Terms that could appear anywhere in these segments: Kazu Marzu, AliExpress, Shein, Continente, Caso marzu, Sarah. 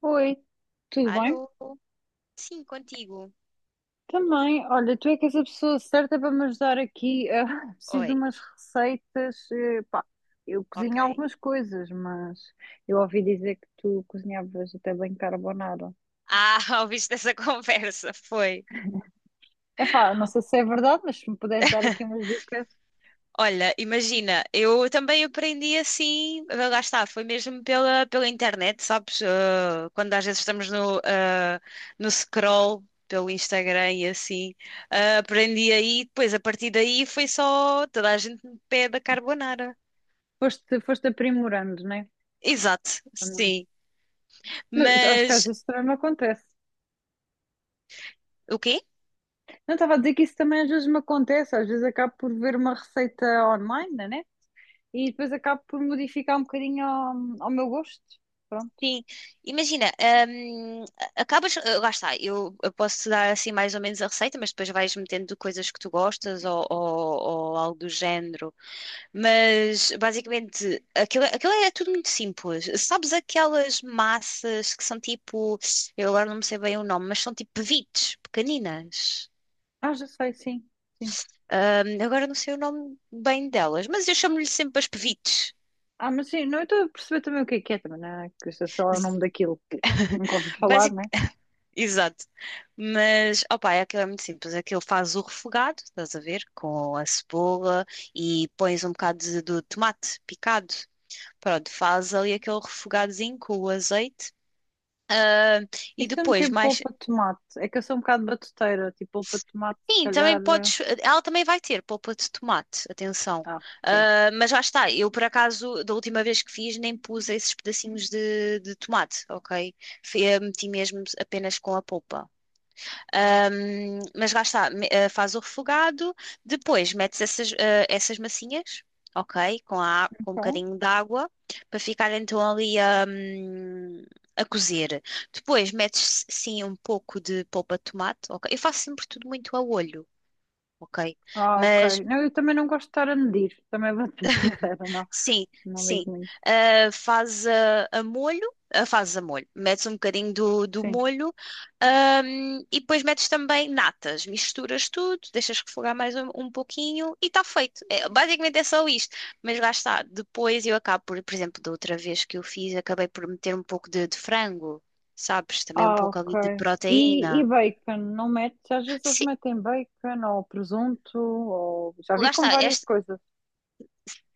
Oi, tudo bem? Alô? Sim, contigo. Também, olha, tu é que és a pessoa certa para me ajudar aqui. Ah, preciso de Oi, umas receitas. Eu ok. cozinho algumas coisas, mas eu ouvi dizer que tu cozinhavas até bem carbonara. Ouviste essa conversa? Foi. Epá, não sei se é verdade, mas se me puderes dar aqui umas dicas, Olha, imagina, eu também aprendi assim, lá está, foi mesmo pela internet, sabes? Ah, quando às vezes estamos no no scroll pelo Instagram e assim, aprendi aí, depois a partir daí foi só toda a gente me pede a carbonara. foste aprimorando, não é? Exato, Também. sim. Mas acho que às Mas vezes também me acontece. o quê? Não estava a dizer que isso também às vezes me acontece, às vezes acabo por ver uma receita online, né? E depois acabo por modificar um bocadinho ao meu gosto. Pronto. Sim, imagina, hum, acabas, lá está, eu posso dar assim mais ou menos a receita, mas depois vais metendo coisas que tu gostas ou ou algo do género. Mas basicamente aquilo é tudo muito simples. Sabes aquelas massas que são tipo, eu agora não me sei bem o nome, mas são tipo pevites pequeninas. Ah, já sei, sim, sim. Agora não sei o nome bem delas, mas eu chamo-lhe sempre as pevites. Ah, mas sim, não, eu estou a perceber também o que é, também, né? Que eu sei lá o nome daquilo que nunca ouvi falar, né? Exato. Mas, opá, é aquilo é muito simples. Aquilo faz o refogado, estás a ver? Com a cebola e pões um bocado do tomate picado. Pronto, faz ali aquele refogadozinho com o azeite. Ah, E e se eu meter depois, mais. polpa de tomate? É que eu sou um bocado batuteira, tipo, polpa de tomate, se Sim, também calhar. Podes. Ela também vai ter polpa de tomate, atenção. Ah, ok. Ah, mas já está, eu por acaso, da última vez que fiz, nem pus esses pedacinhos de tomate, ok? Meti mesmo apenas com a polpa. Mas lá está, faz o refogado, depois metes essas, essas massinhas, ok? Com um Então, bocadinho de água, para ficar então ali a cozer. Depois metes sim um pouco de polpa de tomate, ok? Eu faço sempre tudo muito a olho, ok? ah, Mas ok. Não, eu também não gosto de estar a medir, também vou ser sincera, não. sim, Não sim. ligo muito. Faz molho, fazes a molho, metes um bocadinho do Sim. molho, e depois metes também natas, misturas tudo, deixas refogar mais um pouquinho e está feito. É, basicamente é só isto. Mas lá está, depois eu acabo por exemplo, da outra vez que eu fiz, acabei por meter um pouco de frango, sabes? Também um Ah, pouco ok. ali de E, e proteína. bacon, não metes? Às vezes eles Sim, metem bacon ou presunto, ou já vi lá com está, várias coisas.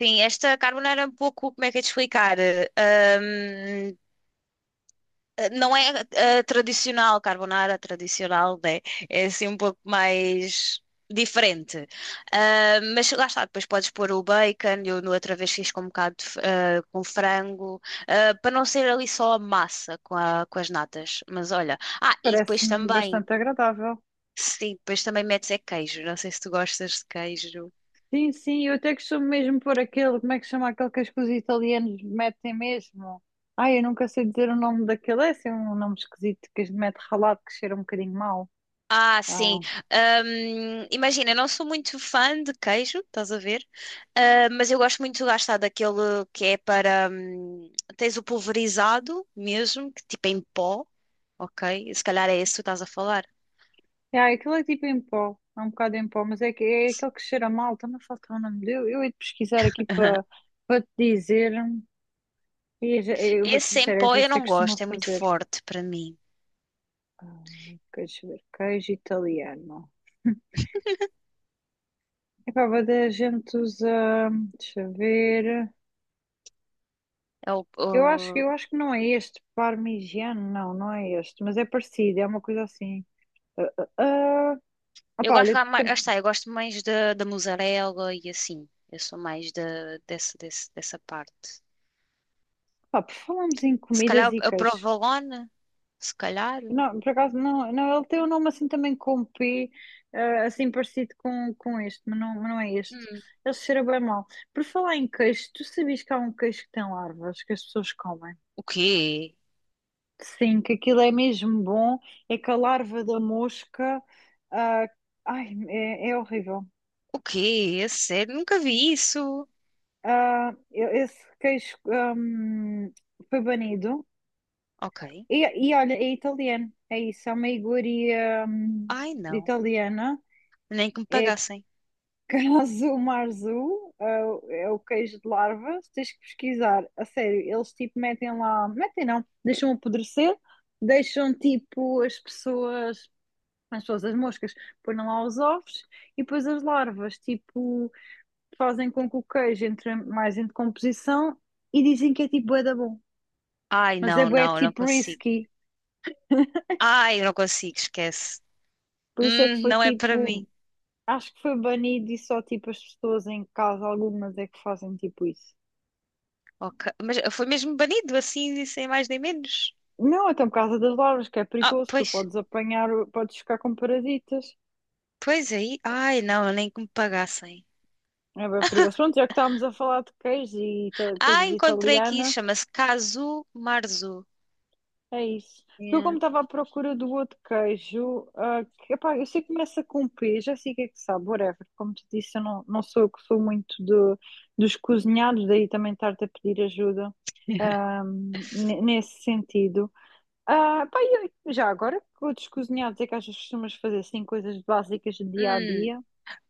sim, esta carbonara é um pouco, como é que é de explicar? Não é tradicional, carbonara tradicional, né? É assim um pouco mais diferente. Ah, mas lá está, depois podes pôr o bacon, eu no outra vez fiz com um bocado com frango, ah, para não ser ali só a massa com as natas. Mas olha, ah, e depois Parece-me também, bastante agradável. sim, depois também metes é queijo, não sei se tu gostas de queijo. Sim, sim, eu até costumo mesmo pôr aquele, como é que chama aquele que os italianos metem mesmo? Ai, eu nunca sei dizer o nome daquele, é assim um nome esquisito que mete ralado que cheira um bocadinho mal. Ah, Ah, sim. Imagina, eu não sou muito fã de queijo, estás a ver? Ah, mas eu gosto muito de gastar daquele que é para. Hum, tens o pulverizado mesmo, que tipo é em pó, ok? Se calhar é esse que tu estás a falar. é, aquilo é tipo em pó, é um bocado em pó, mas é, que, é aquele que cheira mal, também falta o nome dele. Eu hei de pesquisar aqui para te dizer. E eu vou-te Esse em dizer, às pó vezes eu eu não gosto, costumo é muito fazer forte para mim. Queijo, ver, queijo italiano. Epá, mas a gente usa, deixa eu ver. É o- Eu acho, o- eu acho que não é este, parmigiano, não, não é este, mas é parecido, é uma coisa assim. Ah, ah, ah. eu Opá, gosto olha, lá mais, lá está, eu gosto mais da mussarela e assim. Eu sou mais da dessa parte. pá, por falarmos em Se comidas calhar e a queijo, provolone, se calhar. não, por acaso, não, não, ele tem um nome assim também com P, assim parecido com este, mas não é este. Ele cheira bem mal. Por falar em queijo, tu sabias que há um queijo que tem larvas, que as pessoas comem? O quê? Sim, que aquilo é mesmo bom, é que a larva da mosca, ah, ai, é, é horrível. O quê? A sério? Nunca vi isso. Esse queijo, foi banido. Ok. E olha, é italiano, é isso, é uma iguaria, Ai, não. italiana. Nem que me É pagassem. Caso marzu, é o é o queijo de larva, tens que pesquisar. A sério, eles tipo metem lá, metem não, deixam apodrecer, deixam tipo as pessoas, as pessoas, as moscas, põem lá os ovos e depois as larvas, tipo, fazem com que o queijo entre mais em decomposição e dizem que é tipo bué da bom. Ai, Mas é não, bué não, não tipo consigo. risky, Ai, eu não consigo, esquece. por isso é que foi Não é para tipo, mim. acho que foi banido e só tipo as pessoas em casa, algumas é que fazem tipo isso. Ok. Mas foi mesmo banido assim, e sem mais nem menos. Não, então por causa das larvas, que é Ah, perigoso, tu pois. podes apanhar, podes ficar com parasitas. Pois aí. Ai, não, nem que me pagassem. É bem perigoso. Pronto, já que estávamos a falar de queijo e Ah, coisas encontrei aqui. italianas, Chama-se Kazu Marzu. é isso. Eu, Yeah. como estava à procura do outro queijo, ah, que, epá, eu sei que começa com P, já sei o que é que sabe, whatever. Como te disse, eu não, não sou eu que sou muito de, dos cozinhados, daí também estar-te a pedir ajuda, ah, nesse sentido. Ah, pá, e já agora, outros cozinhados é que às vezes costumas fazer assim coisas básicas de dia a Hum, dia?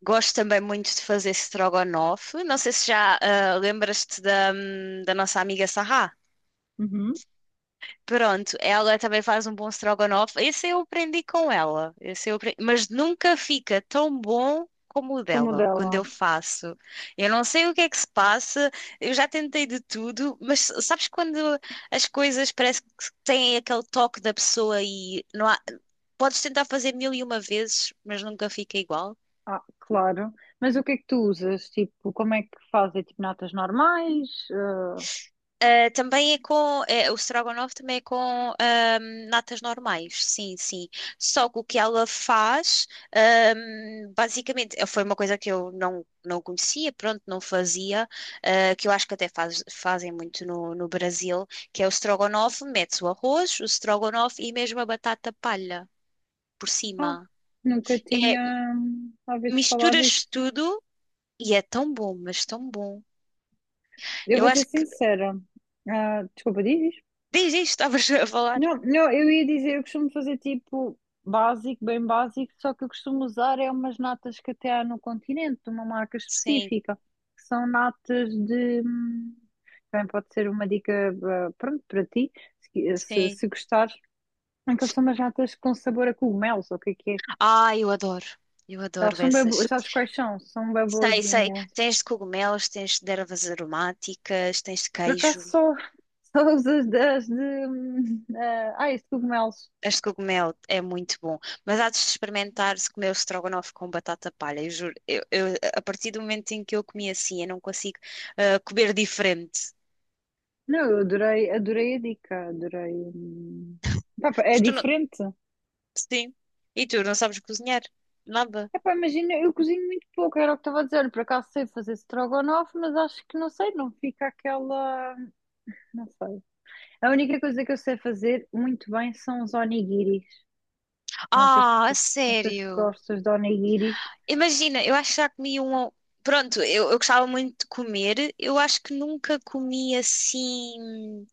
gosto também muito de fazer strogonoff. Não sei se já lembras-te da, da nossa amiga Sarah. Uhum, Pronto, ela também faz um bom strogonoff. Esse eu aprendi com ela. Mas nunca fica tão bom como o como o dela, quando dela. eu faço. Eu não sei o que é que se passa, eu já tentei de tudo, mas sabes quando as coisas parece que têm aquele toque da pessoa e não há... Podes tentar fazer mil e uma vezes, mas nunca fica igual. Ah, claro. Mas o que é que tu usas? Tipo, como é que fazes? É tipo natas normais? Ah, também é é, o strogonoff também é com natas normais, sim, sim. Só que o que ela faz, basicamente, foi uma coisa que eu não conhecia, pronto, não fazia, ah, que eu acho que até fazem muito no Brasil, que é o strogonoff, metes o arroz, o strogonoff e mesmo a batata palha por Ah, cima. nunca É, tinha ouvido falar misturas disso. tudo e é tão bom, mas tão bom. Eu Eu vou ser acho que sincera. Ah, desculpa, dizes? desde isto estavas a falar. Não, não, eu ia dizer, eu costumo fazer tipo básico, bem básico, só que eu costumo usar é umas natas que até há no continente, de uma marca Sim, específica, que são natas de. Hum, também pode ser uma dica, ah, pronto, para ti sim. se gostares. Aquelas são umas natas com sabor a cogumelos, ou o que é que é? Ah, eu adoro. Eu Elas adoro são bem boas, essas. sabes quais são? São bem Sei, sei. boazinhas. Tens de cogumelos, tens de ervas aromáticas, tens de Por acaso queijo. só, só as de. de, isso, cogumelos. Este cogumelo é muito bom. Mas há de experimentar se comer o estrogonofe com batata palha. Eu juro, a partir do momento em que eu comi assim, eu não consigo comer diferente. Não, eu adorei, adorei a dica, adorei. Hum. Pá, pá, é Porque tu não... diferente. Sim. E tu não sabes cozinhar? Nada. Epá, imagina, eu cozinho muito pouco, era o que estava a dizer. Por acaso sei fazer strogonoff, mas acho que não sei, não fica aquela. Não sei. A única coisa que eu sei fazer muito bem são os onigiris. Não sei se, Ah, a não sei se sério? gostas de onigiris. Imagina, eu acho que já comi um. Ou- pronto, eu gostava muito de comer. Eu acho que nunca comi assim.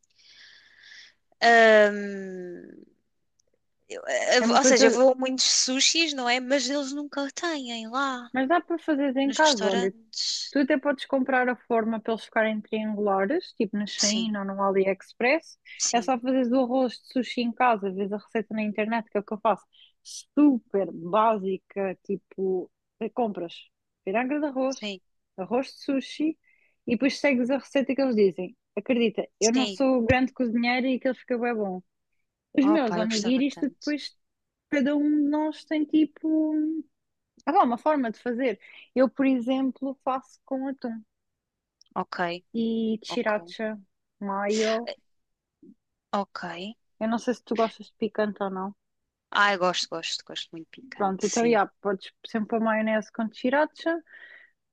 Hum, É uma ou seja, eu coisa, vou a muitos sushis, não é? Mas eles nunca têm lá mas dá para fazeres em nos casa. Olha, restaurantes. tu até podes comprar a forma para eles ficarem triangulares, tipo na Sim, Shein ou no AliExpress. É sim, só fazeres o arroz de sushi em casa, vês a receita na internet, que é o que eu faço. Super básica, tipo, compras piranga de arroz, sim, arroz de sushi e depois segues a receita que eles dizem. Acredita, eu não sim. sou grande cozinheira e aquilo fica bem bom. Os Oh, meus pá, eu gostava onigiris, tu tanto. depois, cada um de nós tem tipo. Há lá uma forma de fazer. Eu, por exemplo, faço com atum Ok, e ok, sriracha, maio. ok. Eu não sei se tu gostas de picante ou não. Ai, gosto, gosto, gosto muito Pronto, picante, então, sim. já, podes sempre pôr maionese com sriracha.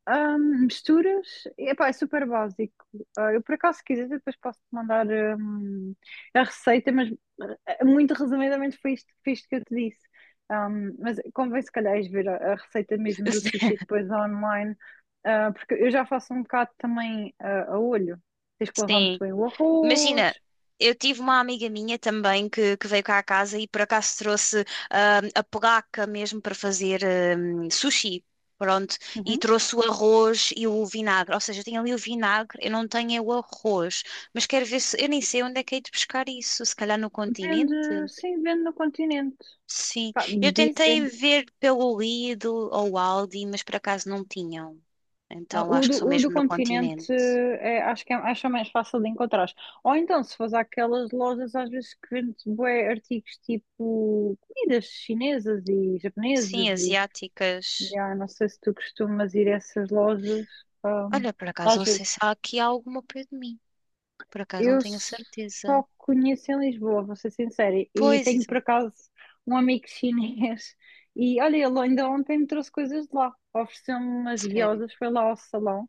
Misturas, epá, é super básico. Ah, eu, por acaso, se quiser, depois posso-te mandar a receita, mas ah, muito resumidamente foi isto que eu te disse. Mas convém, se calhar, ires ver a receita mesmo do sushi depois online, ah, porque eu já faço um bocado também ah, a olho. Tens que lavar muito Sim. bem o Imagina, arroz. eu tive uma amiga minha também que veio cá à casa e por acaso trouxe a placa mesmo para fazer sushi. Pronto, e Uhum. trouxe o arroz e o vinagre. Ou seja, eu tenho ali o vinagre, eu não tenho é o arroz. Mas quero ver se. Eu nem sei onde é que hei de buscar isso. Se calhar no continente? Vende, sim, vende no continente. Sim. Pá, Eu dizem tentei ver pelo Lidl ou Aldi, mas por acaso não tinham. não, Então acho que só o do mesmo no Continente continente. Acho que é mais fácil de encontrar. Ou então, se fores àquelas lojas às vezes que vende bué artigos tipo comidas chinesas e japonesas Sim, e asiáticas. já, não sei se tu costumas ir a essas lojas, ahm, Olha, por acaso às não sei vezes. se há aqui alguma ao pé de mim. Por acaso não Eu tenho a certeza. só conheço em Lisboa, vou ser sincera, e Pois, tenho por exato. acaso um amigo chinês e olha, ele ainda ontem me trouxe coisas de lá. Ofereceu-me umas Sério. guiosas, foi lá ao salão.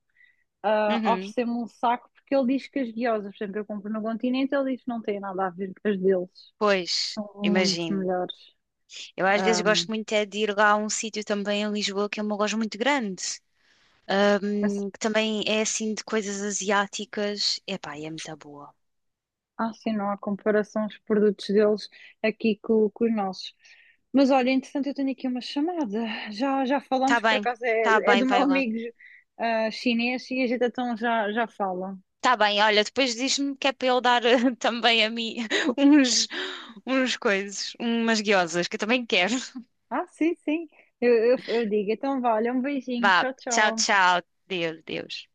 Ah, Uhum. oferecer-me um saco, porque ele diz que as guiosas, por exemplo, eu compro no Continente, ele diz que não tem nada a ver com as deles. Pois, São muito imagino. melhores. Eu às vezes Ah, gosto muito é de ir lá a um sítio também em Lisboa que é uma loja muito grande. mas, Ahm, que também é assim de coisas asiáticas. Epá, e é muito boa. ah, sim, não há comparação os produtos deles aqui com os nossos. Mas olha, entretanto, eu tenho aqui uma chamada. Já Tá falamos, por bem, acaso tá é bem, do meu vai lá. amigo ah, chinês e a gente então já, já fala. Tá bem, olha, depois diz-me que é para eu dar também a mim uns, uns coisas, umas guiosas, que eu também quero. Ah, sim, sim. Eu, eu digo. Então, vale, um beijinho. Vá, Tchau, tchau, tchau. tchau. Deus, Deus.